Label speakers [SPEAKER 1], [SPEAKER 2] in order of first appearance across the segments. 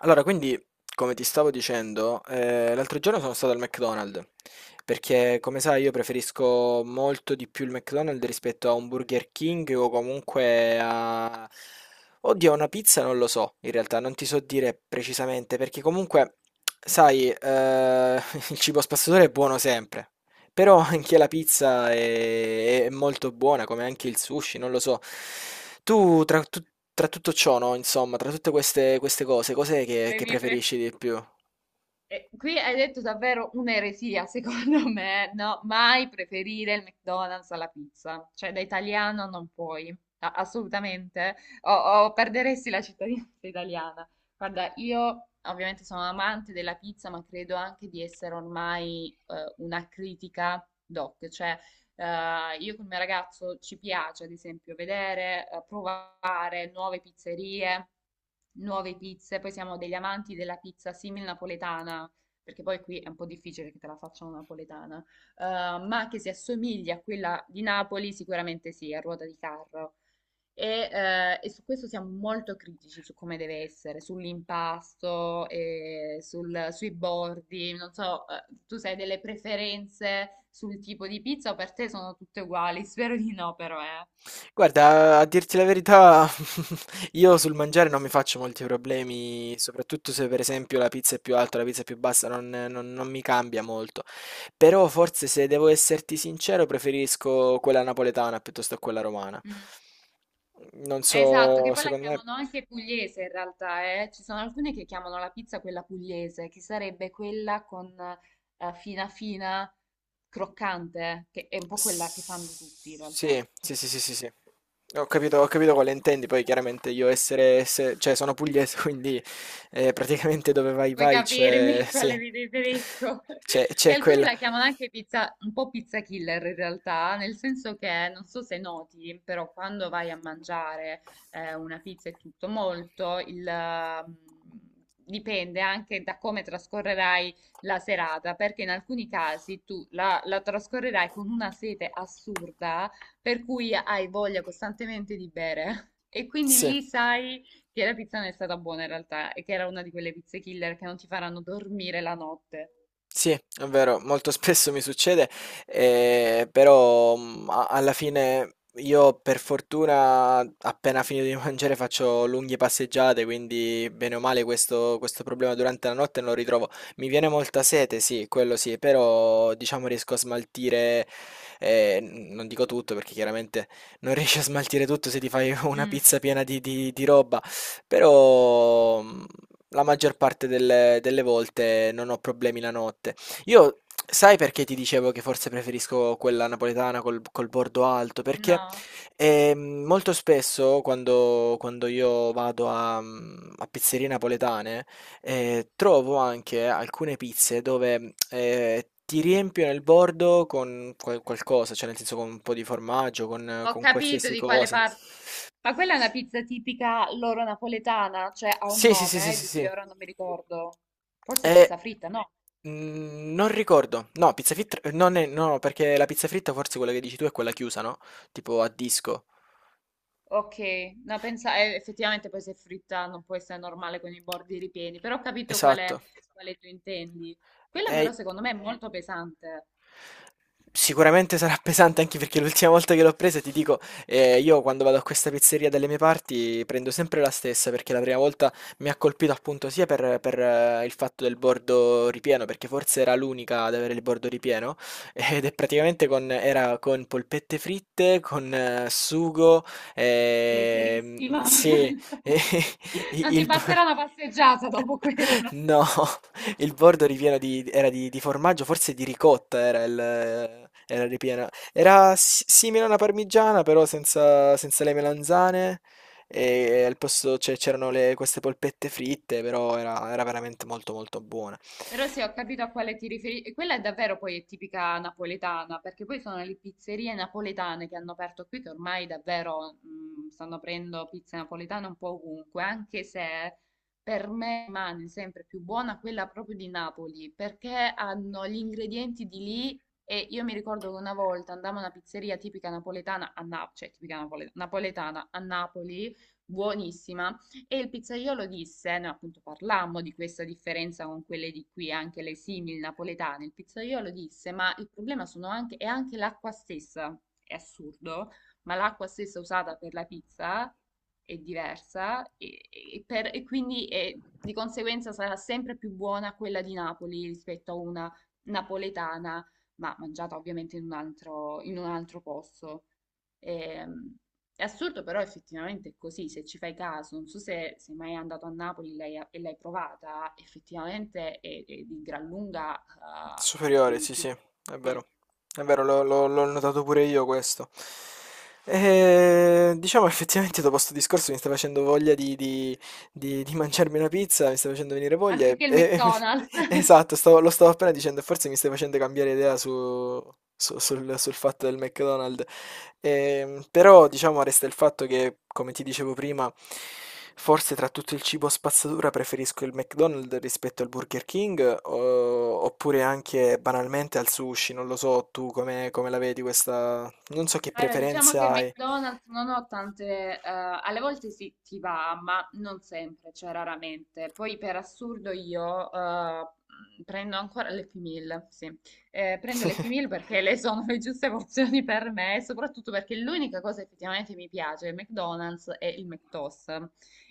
[SPEAKER 1] Allora, quindi, come ti stavo dicendo, l'altro giorno sono stato al McDonald's, perché come sai io preferisco molto di più il McDonald's rispetto a un Burger King o comunque a... Oddio, una pizza non lo so, in realtà non ti so dire precisamente, perché comunque, sai, il cibo spazzatura è buono sempre, però anche la pizza è molto buona, come anche il sushi, non lo so. Tu, tra, tu- Tra tutto ciò, no, insomma, tra queste cose, cos'è
[SPEAKER 2] Le
[SPEAKER 1] che
[SPEAKER 2] mie pre-
[SPEAKER 1] preferisci di più?
[SPEAKER 2] Qui hai detto davvero un'eresia, secondo me, no? Mai preferire il McDonald's alla pizza, cioè da italiano non puoi, assolutamente, o perderesti la cittadinanza italiana. Guarda, io ovviamente sono amante della pizza, ma credo anche di essere ormai una critica doc, cioè io col mio ragazzo ci piace, ad esempio, vedere, provare nuove pizzerie, nuove pizze. Poi siamo degli amanti della pizza simil napoletana, perché poi qui è un po' difficile che te la facciano napoletana. Eh, ma che si assomigli a quella di Napoli, sicuramente sì, a ruota di carro. E su questo siamo molto critici su come deve essere, sull'impasto, e sui bordi. Non so, tu sai delle preferenze sul tipo di pizza o per te sono tutte uguali? Spero di no, però.
[SPEAKER 1] Guarda, a dirti la verità, io sul mangiare non mi faccio molti problemi, soprattutto se per esempio la pizza è più alta, la pizza è più bassa, non mi cambia molto. Però forse se devo esserti sincero, preferisco quella napoletana piuttosto che quella romana.
[SPEAKER 2] Mm.
[SPEAKER 1] Non
[SPEAKER 2] Esatto, che
[SPEAKER 1] so,
[SPEAKER 2] poi la
[SPEAKER 1] secondo me...
[SPEAKER 2] chiamano anche pugliese in realtà. Ci sono alcune che chiamano la pizza quella pugliese, che sarebbe quella con fina fina, croccante, che è un po' quella che fanno tutti in
[SPEAKER 1] Sì,
[SPEAKER 2] realtà.
[SPEAKER 1] sì, sì, sì, sì, sì. Ho capito quale intendi, poi chiaramente io essere, se- cioè sono pugliese, quindi praticamente dove vai
[SPEAKER 2] Puoi
[SPEAKER 1] vai c'è,
[SPEAKER 2] capirmi
[SPEAKER 1] sì,
[SPEAKER 2] quale mi riferisco?
[SPEAKER 1] c'è
[SPEAKER 2] Che
[SPEAKER 1] c'è
[SPEAKER 2] alcuni
[SPEAKER 1] quella.
[SPEAKER 2] la chiamano anche pizza, un po' pizza killer in realtà, nel senso che non so se noti, però quando vai a mangiare una pizza e tutto molto, dipende anche da come trascorrerai la serata, perché in alcuni casi tu la trascorrerai con una sete assurda, per cui hai voglia costantemente di bere. E quindi
[SPEAKER 1] Sì,
[SPEAKER 2] lì sai che la pizza non è stata buona in realtà e che era una di quelle pizze killer che non ti faranno dormire la notte.
[SPEAKER 1] Sì, è vero, molto spesso mi succede, però, mhmm, a alla fine io per fortuna appena finito di mangiare faccio lunghe passeggiate, quindi bene o male questo problema durante la notte non lo ritrovo. Mi viene molta sete, sì, quello sì, però diciamo riesco a smaltire, n non dico tutto perché chiaramente non riesci a smaltire tutto se ti fai una
[SPEAKER 2] Mm,
[SPEAKER 1] pizza piena di roba, però, mhmm la maggior parte delle volte non ho problemi la notte. Io, sai perché ti dicevo che forse preferisco quella napoletana col bordo alto? Perché
[SPEAKER 2] no,
[SPEAKER 1] molto spesso quando io vado a, a pizzerie napoletane trovo anche alcune pizze dove ti riempiono il bordo con qualcosa, cioè nel senso con un po' di formaggio,
[SPEAKER 2] ho
[SPEAKER 1] con
[SPEAKER 2] capito
[SPEAKER 1] qualsiasi
[SPEAKER 2] di quale
[SPEAKER 1] cosa.
[SPEAKER 2] parte. Ma quella è una pizza tipica loro napoletana, cioè ha un
[SPEAKER 1] Sì, sì, sì, sì,
[SPEAKER 2] nome
[SPEAKER 1] sì,
[SPEAKER 2] di cui
[SPEAKER 1] sì.
[SPEAKER 2] ora non mi ricordo. Forse
[SPEAKER 1] Eh,
[SPEAKER 2] pizza fritta, no?
[SPEAKER 1] non ricordo. No, pizza fritta, non è, no, perché la pizza fritta forse quella che dici tu è quella chiusa, no? Tipo a disco.
[SPEAKER 2] Ok, no, pensa, effettivamente poi se è fritta non può essere normale con i bordi ripieni, però ho capito
[SPEAKER 1] Esatto.
[SPEAKER 2] quale, quale tu intendi. Quella
[SPEAKER 1] Eh,
[SPEAKER 2] però secondo me è molto pesante.
[SPEAKER 1] Sicuramente sarà pesante anche perché l'ultima volta che l'ho presa, ti dico, io quando vado a questa pizzeria dalle mie parti prendo sempre la stessa perché la prima volta mi ha colpito appunto sia per il fatto del bordo ripieno, perché forse era l'unica ad avere il bordo ripieno, ed è praticamente era con polpette fritte, con sugo,
[SPEAKER 2] Leggerissima,
[SPEAKER 1] sì, e
[SPEAKER 2] insomma. Non ti
[SPEAKER 1] il... bo-
[SPEAKER 2] passerà una passeggiata dopo quella.
[SPEAKER 1] No, il bordo ripieno era di formaggio, forse di ricotta era il, era ripiena. Era simile a una parmigiana, però senza, senza le melanzane. E al posto c'erano queste polpette fritte, però era veramente molto molto buona.
[SPEAKER 2] Però se ho capito a quale ti riferisci, quella è davvero poi è tipica napoletana, perché poi sono le pizzerie napoletane che hanno aperto qui, che ormai davvero stanno aprendo pizze napoletane un po' ovunque, anche se per me rimane sempre più buona quella proprio di Napoli, perché hanno gli ingredienti di lì e io mi ricordo che una volta andavo a una pizzeria tipica napoletana a Napoli, cioè tipica napoletana a Napoli, buonissima e il pizzaiolo disse, no, appunto parlammo di questa differenza con quelle di qui, anche le simili napoletane, il pizzaiolo disse, ma il problema sono anche, è anche l'acqua stessa, è assurdo, ma l'acqua stessa usata per la pizza è diversa e quindi di conseguenza sarà sempre più buona quella di Napoli rispetto a una napoletana, ma mangiata ovviamente in un altro posto. Ehm, è assurdo, però effettivamente è così, se ci fai caso, non so se sei mai andato a Napoli e l'hai provata, effettivamente è di gran lunga
[SPEAKER 1] Superiore,
[SPEAKER 2] più,
[SPEAKER 1] sì,
[SPEAKER 2] più
[SPEAKER 1] sì,
[SPEAKER 2] buona,
[SPEAKER 1] è
[SPEAKER 2] sì.
[SPEAKER 1] vero. È vero, l'ho notato pure io questo. E, diciamo effettivamente dopo sto discorso mi sta facendo voglia di mangiarmi una pizza, mi sta facendo venire voglia
[SPEAKER 2] Anziché il
[SPEAKER 1] e mi...
[SPEAKER 2] McDonald's.
[SPEAKER 1] Esatto, lo stavo appena dicendo, e forse mi stai facendo cambiare idea sul fatto del McDonald's. Però, diciamo, resta il fatto che, come ti dicevo prima, forse tra tutto il cibo spazzatura preferisco il McDonald's rispetto al Burger King, oppure anche banalmente al sushi, non lo so, tu come la vedi questa... Non so che
[SPEAKER 2] Allora, diciamo
[SPEAKER 1] preferenze
[SPEAKER 2] che il
[SPEAKER 1] hai.
[SPEAKER 2] McDonald's non ho tante, alle volte sì, ti va, ma non sempre, cioè raramente. Poi per assurdo io prendo ancora le Happy Meal, sì. Prendo le Happy Meal perché le sono le giuste emozioni per me, e soprattutto perché l'unica cosa effettivamente mi piace del McDonald's è il McToast,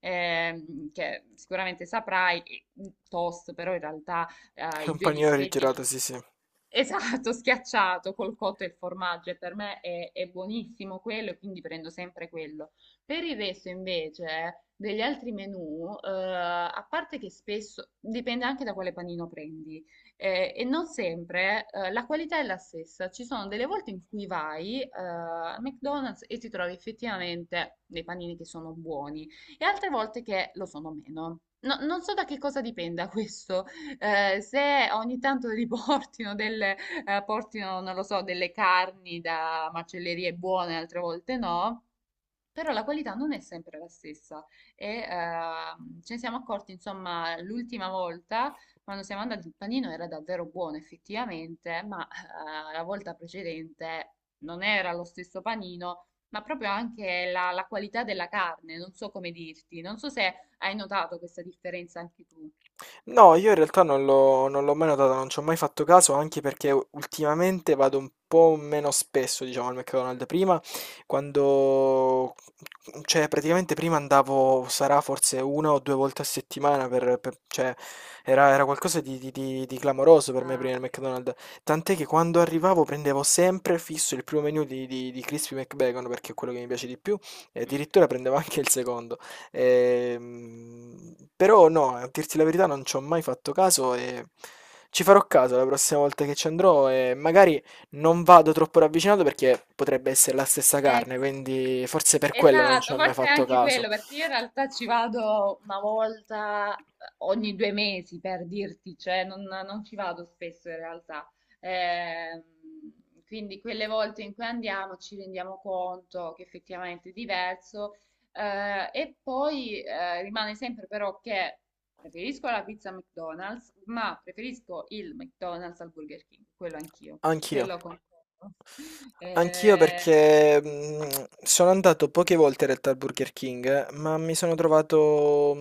[SPEAKER 2] che sicuramente saprai, toast, però in realtà
[SPEAKER 1] È
[SPEAKER 2] i
[SPEAKER 1] un
[SPEAKER 2] due
[SPEAKER 1] panino
[SPEAKER 2] dischetti non
[SPEAKER 1] rigirato, sì, sì.
[SPEAKER 2] Esatto, schiacciato col cotto e il formaggio, e per me è buonissimo quello, e quindi prendo sempre quello. Per il resto, invece, degli altri menù, a parte che spesso dipende anche da quale panino prendi, e non sempre la qualità è la stessa. Ci sono delle volte in cui vai al McDonald's e ti trovi effettivamente dei panini che sono buoni, e altre volte che lo sono meno. Non so da che cosa dipenda questo se ogni tanto riportino delle, portino, non lo so, delle carni da macellerie buone, altre volte no, però la qualità non è sempre la stessa. E, ce ne siamo accorti, insomma, l'ultima volta quando siamo andati il panino era davvero buono effettivamente, ma la volta precedente non era lo stesso panino. Ma proprio anche la qualità della carne, non so come dirti, non so se hai notato questa differenza anche tu.
[SPEAKER 1] No, io in realtà non l'ho mai notato, non ci ho mai fatto caso, anche perché ultimamente vado un po' meno spesso, diciamo, al McDonald's. Prima, quando... cioè, praticamente prima andavo, sarà forse una o due volte a settimana, cioè, era qualcosa di clamoroso per me
[SPEAKER 2] Ah,
[SPEAKER 1] prima il
[SPEAKER 2] ok.
[SPEAKER 1] McDonald's. Tant'è che quando arrivavo prendevo sempre fisso il primo menu di Crispy McBacon, perché è quello che mi piace di più, e
[SPEAKER 2] Mm.
[SPEAKER 1] addirittura prendevo anche il secondo. Però no, a dirti la verità non ci ho mai fatto caso e ci farò caso la prossima volta che ci andrò e magari non vado troppo ravvicinato perché potrebbe essere la stessa carne,
[SPEAKER 2] Ecco,
[SPEAKER 1] quindi forse per quello non ci
[SPEAKER 2] esatto,
[SPEAKER 1] ho mai
[SPEAKER 2] forse è
[SPEAKER 1] fatto
[SPEAKER 2] anche
[SPEAKER 1] caso.
[SPEAKER 2] quello, perché io in realtà ci vado una volta ogni 2 mesi per dirti, cioè non ci vado spesso in realtà. Ehm, quindi quelle volte in cui andiamo ci rendiamo conto che effettivamente è diverso. E poi rimane sempre però che preferisco la pizza McDonald's, ma preferisco il McDonald's al Burger King, quello anch'io, su
[SPEAKER 1] Anch'io.
[SPEAKER 2] quello concordo.
[SPEAKER 1] Anch'io
[SPEAKER 2] Eh,
[SPEAKER 1] perché sono andato poche volte in realtà al Burger King, ma mi sono trovato...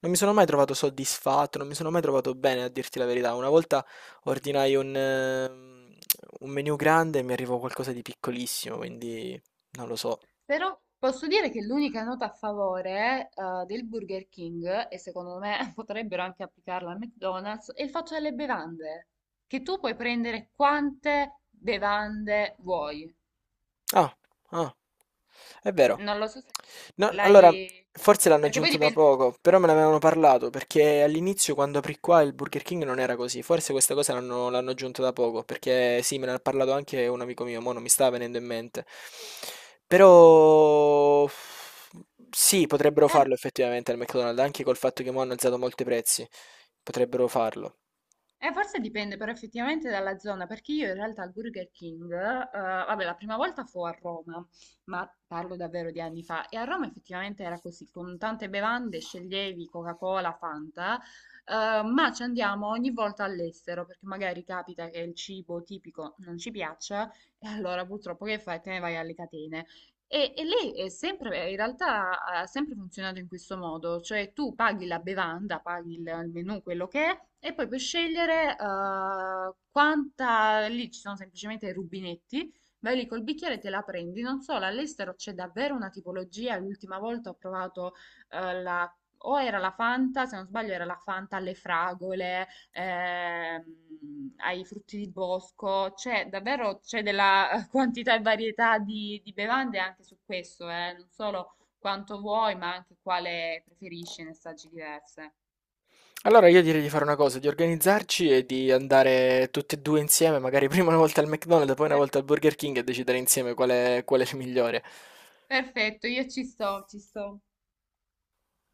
[SPEAKER 1] non mi sono mai trovato soddisfatto, non mi sono mai trovato bene a dirti la verità. Una volta ordinai un menu grande e mi arrivò qualcosa di piccolissimo, quindi non lo so.
[SPEAKER 2] Però posso dire che l'unica nota a favore, del Burger King, e secondo me potrebbero anche applicarla al McDonald's, è il fatto delle bevande, che tu puoi prendere quante bevande vuoi.
[SPEAKER 1] Ah, ah. È vero.
[SPEAKER 2] Non lo so se
[SPEAKER 1] No, allora,
[SPEAKER 2] l'hai.
[SPEAKER 1] forse l'hanno
[SPEAKER 2] Perché poi
[SPEAKER 1] aggiunto da
[SPEAKER 2] dipende...
[SPEAKER 1] poco, però me ne avevano parlato, perché all'inizio quando aprì qua il Burger King non era così. Forse questa cosa l'hanno aggiunta da poco, perché sì, me ne ha parlato anche un amico mio, mo non mi sta venendo in mente. Però sì, potrebbero farlo effettivamente al McDonald's, anche col fatto che mo hanno alzato molti prezzi. Potrebbero farlo.
[SPEAKER 2] Forse dipende però effettivamente dalla zona, perché io in realtà al Burger King, vabbè, la prima volta fu a Roma, ma parlo davvero di anni fa, e a Roma effettivamente era così, con tante bevande sceglievi Coca-Cola, Fanta, ma ci andiamo ogni volta all'estero, perché magari capita che il cibo tipico non ci piaccia, e allora purtroppo che fai? Te ne vai alle catene. E lei è sempre, in realtà ha sempre funzionato in questo modo, cioè tu paghi la bevanda, paghi il menù, quello che è, e poi puoi scegliere quanta, lì ci sono semplicemente i rubinetti, vai lì col bicchiere e te la prendi. Non so, all'estero c'è davvero una tipologia, l'ultima volta ho provato la. O era la Fanta, se non sbaglio era la Fanta alle fragole, ai frutti di bosco, c'è davvero c'è della quantità e varietà di bevande anche su questo, non solo quanto vuoi, ma anche quale preferisci ne assaggi diverse.
[SPEAKER 1] Allora io direi di fare una cosa, di organizzarci e di andare tutti e due insieme, magari prima una volta al McDonald's, poi una
[SPEAKER 2] Per-
[SPEAKER 1] volta al Burger King e decidere insieme qual è il migliore.
[SPEAKER 2] Perfetto, io ci sto, ci sto.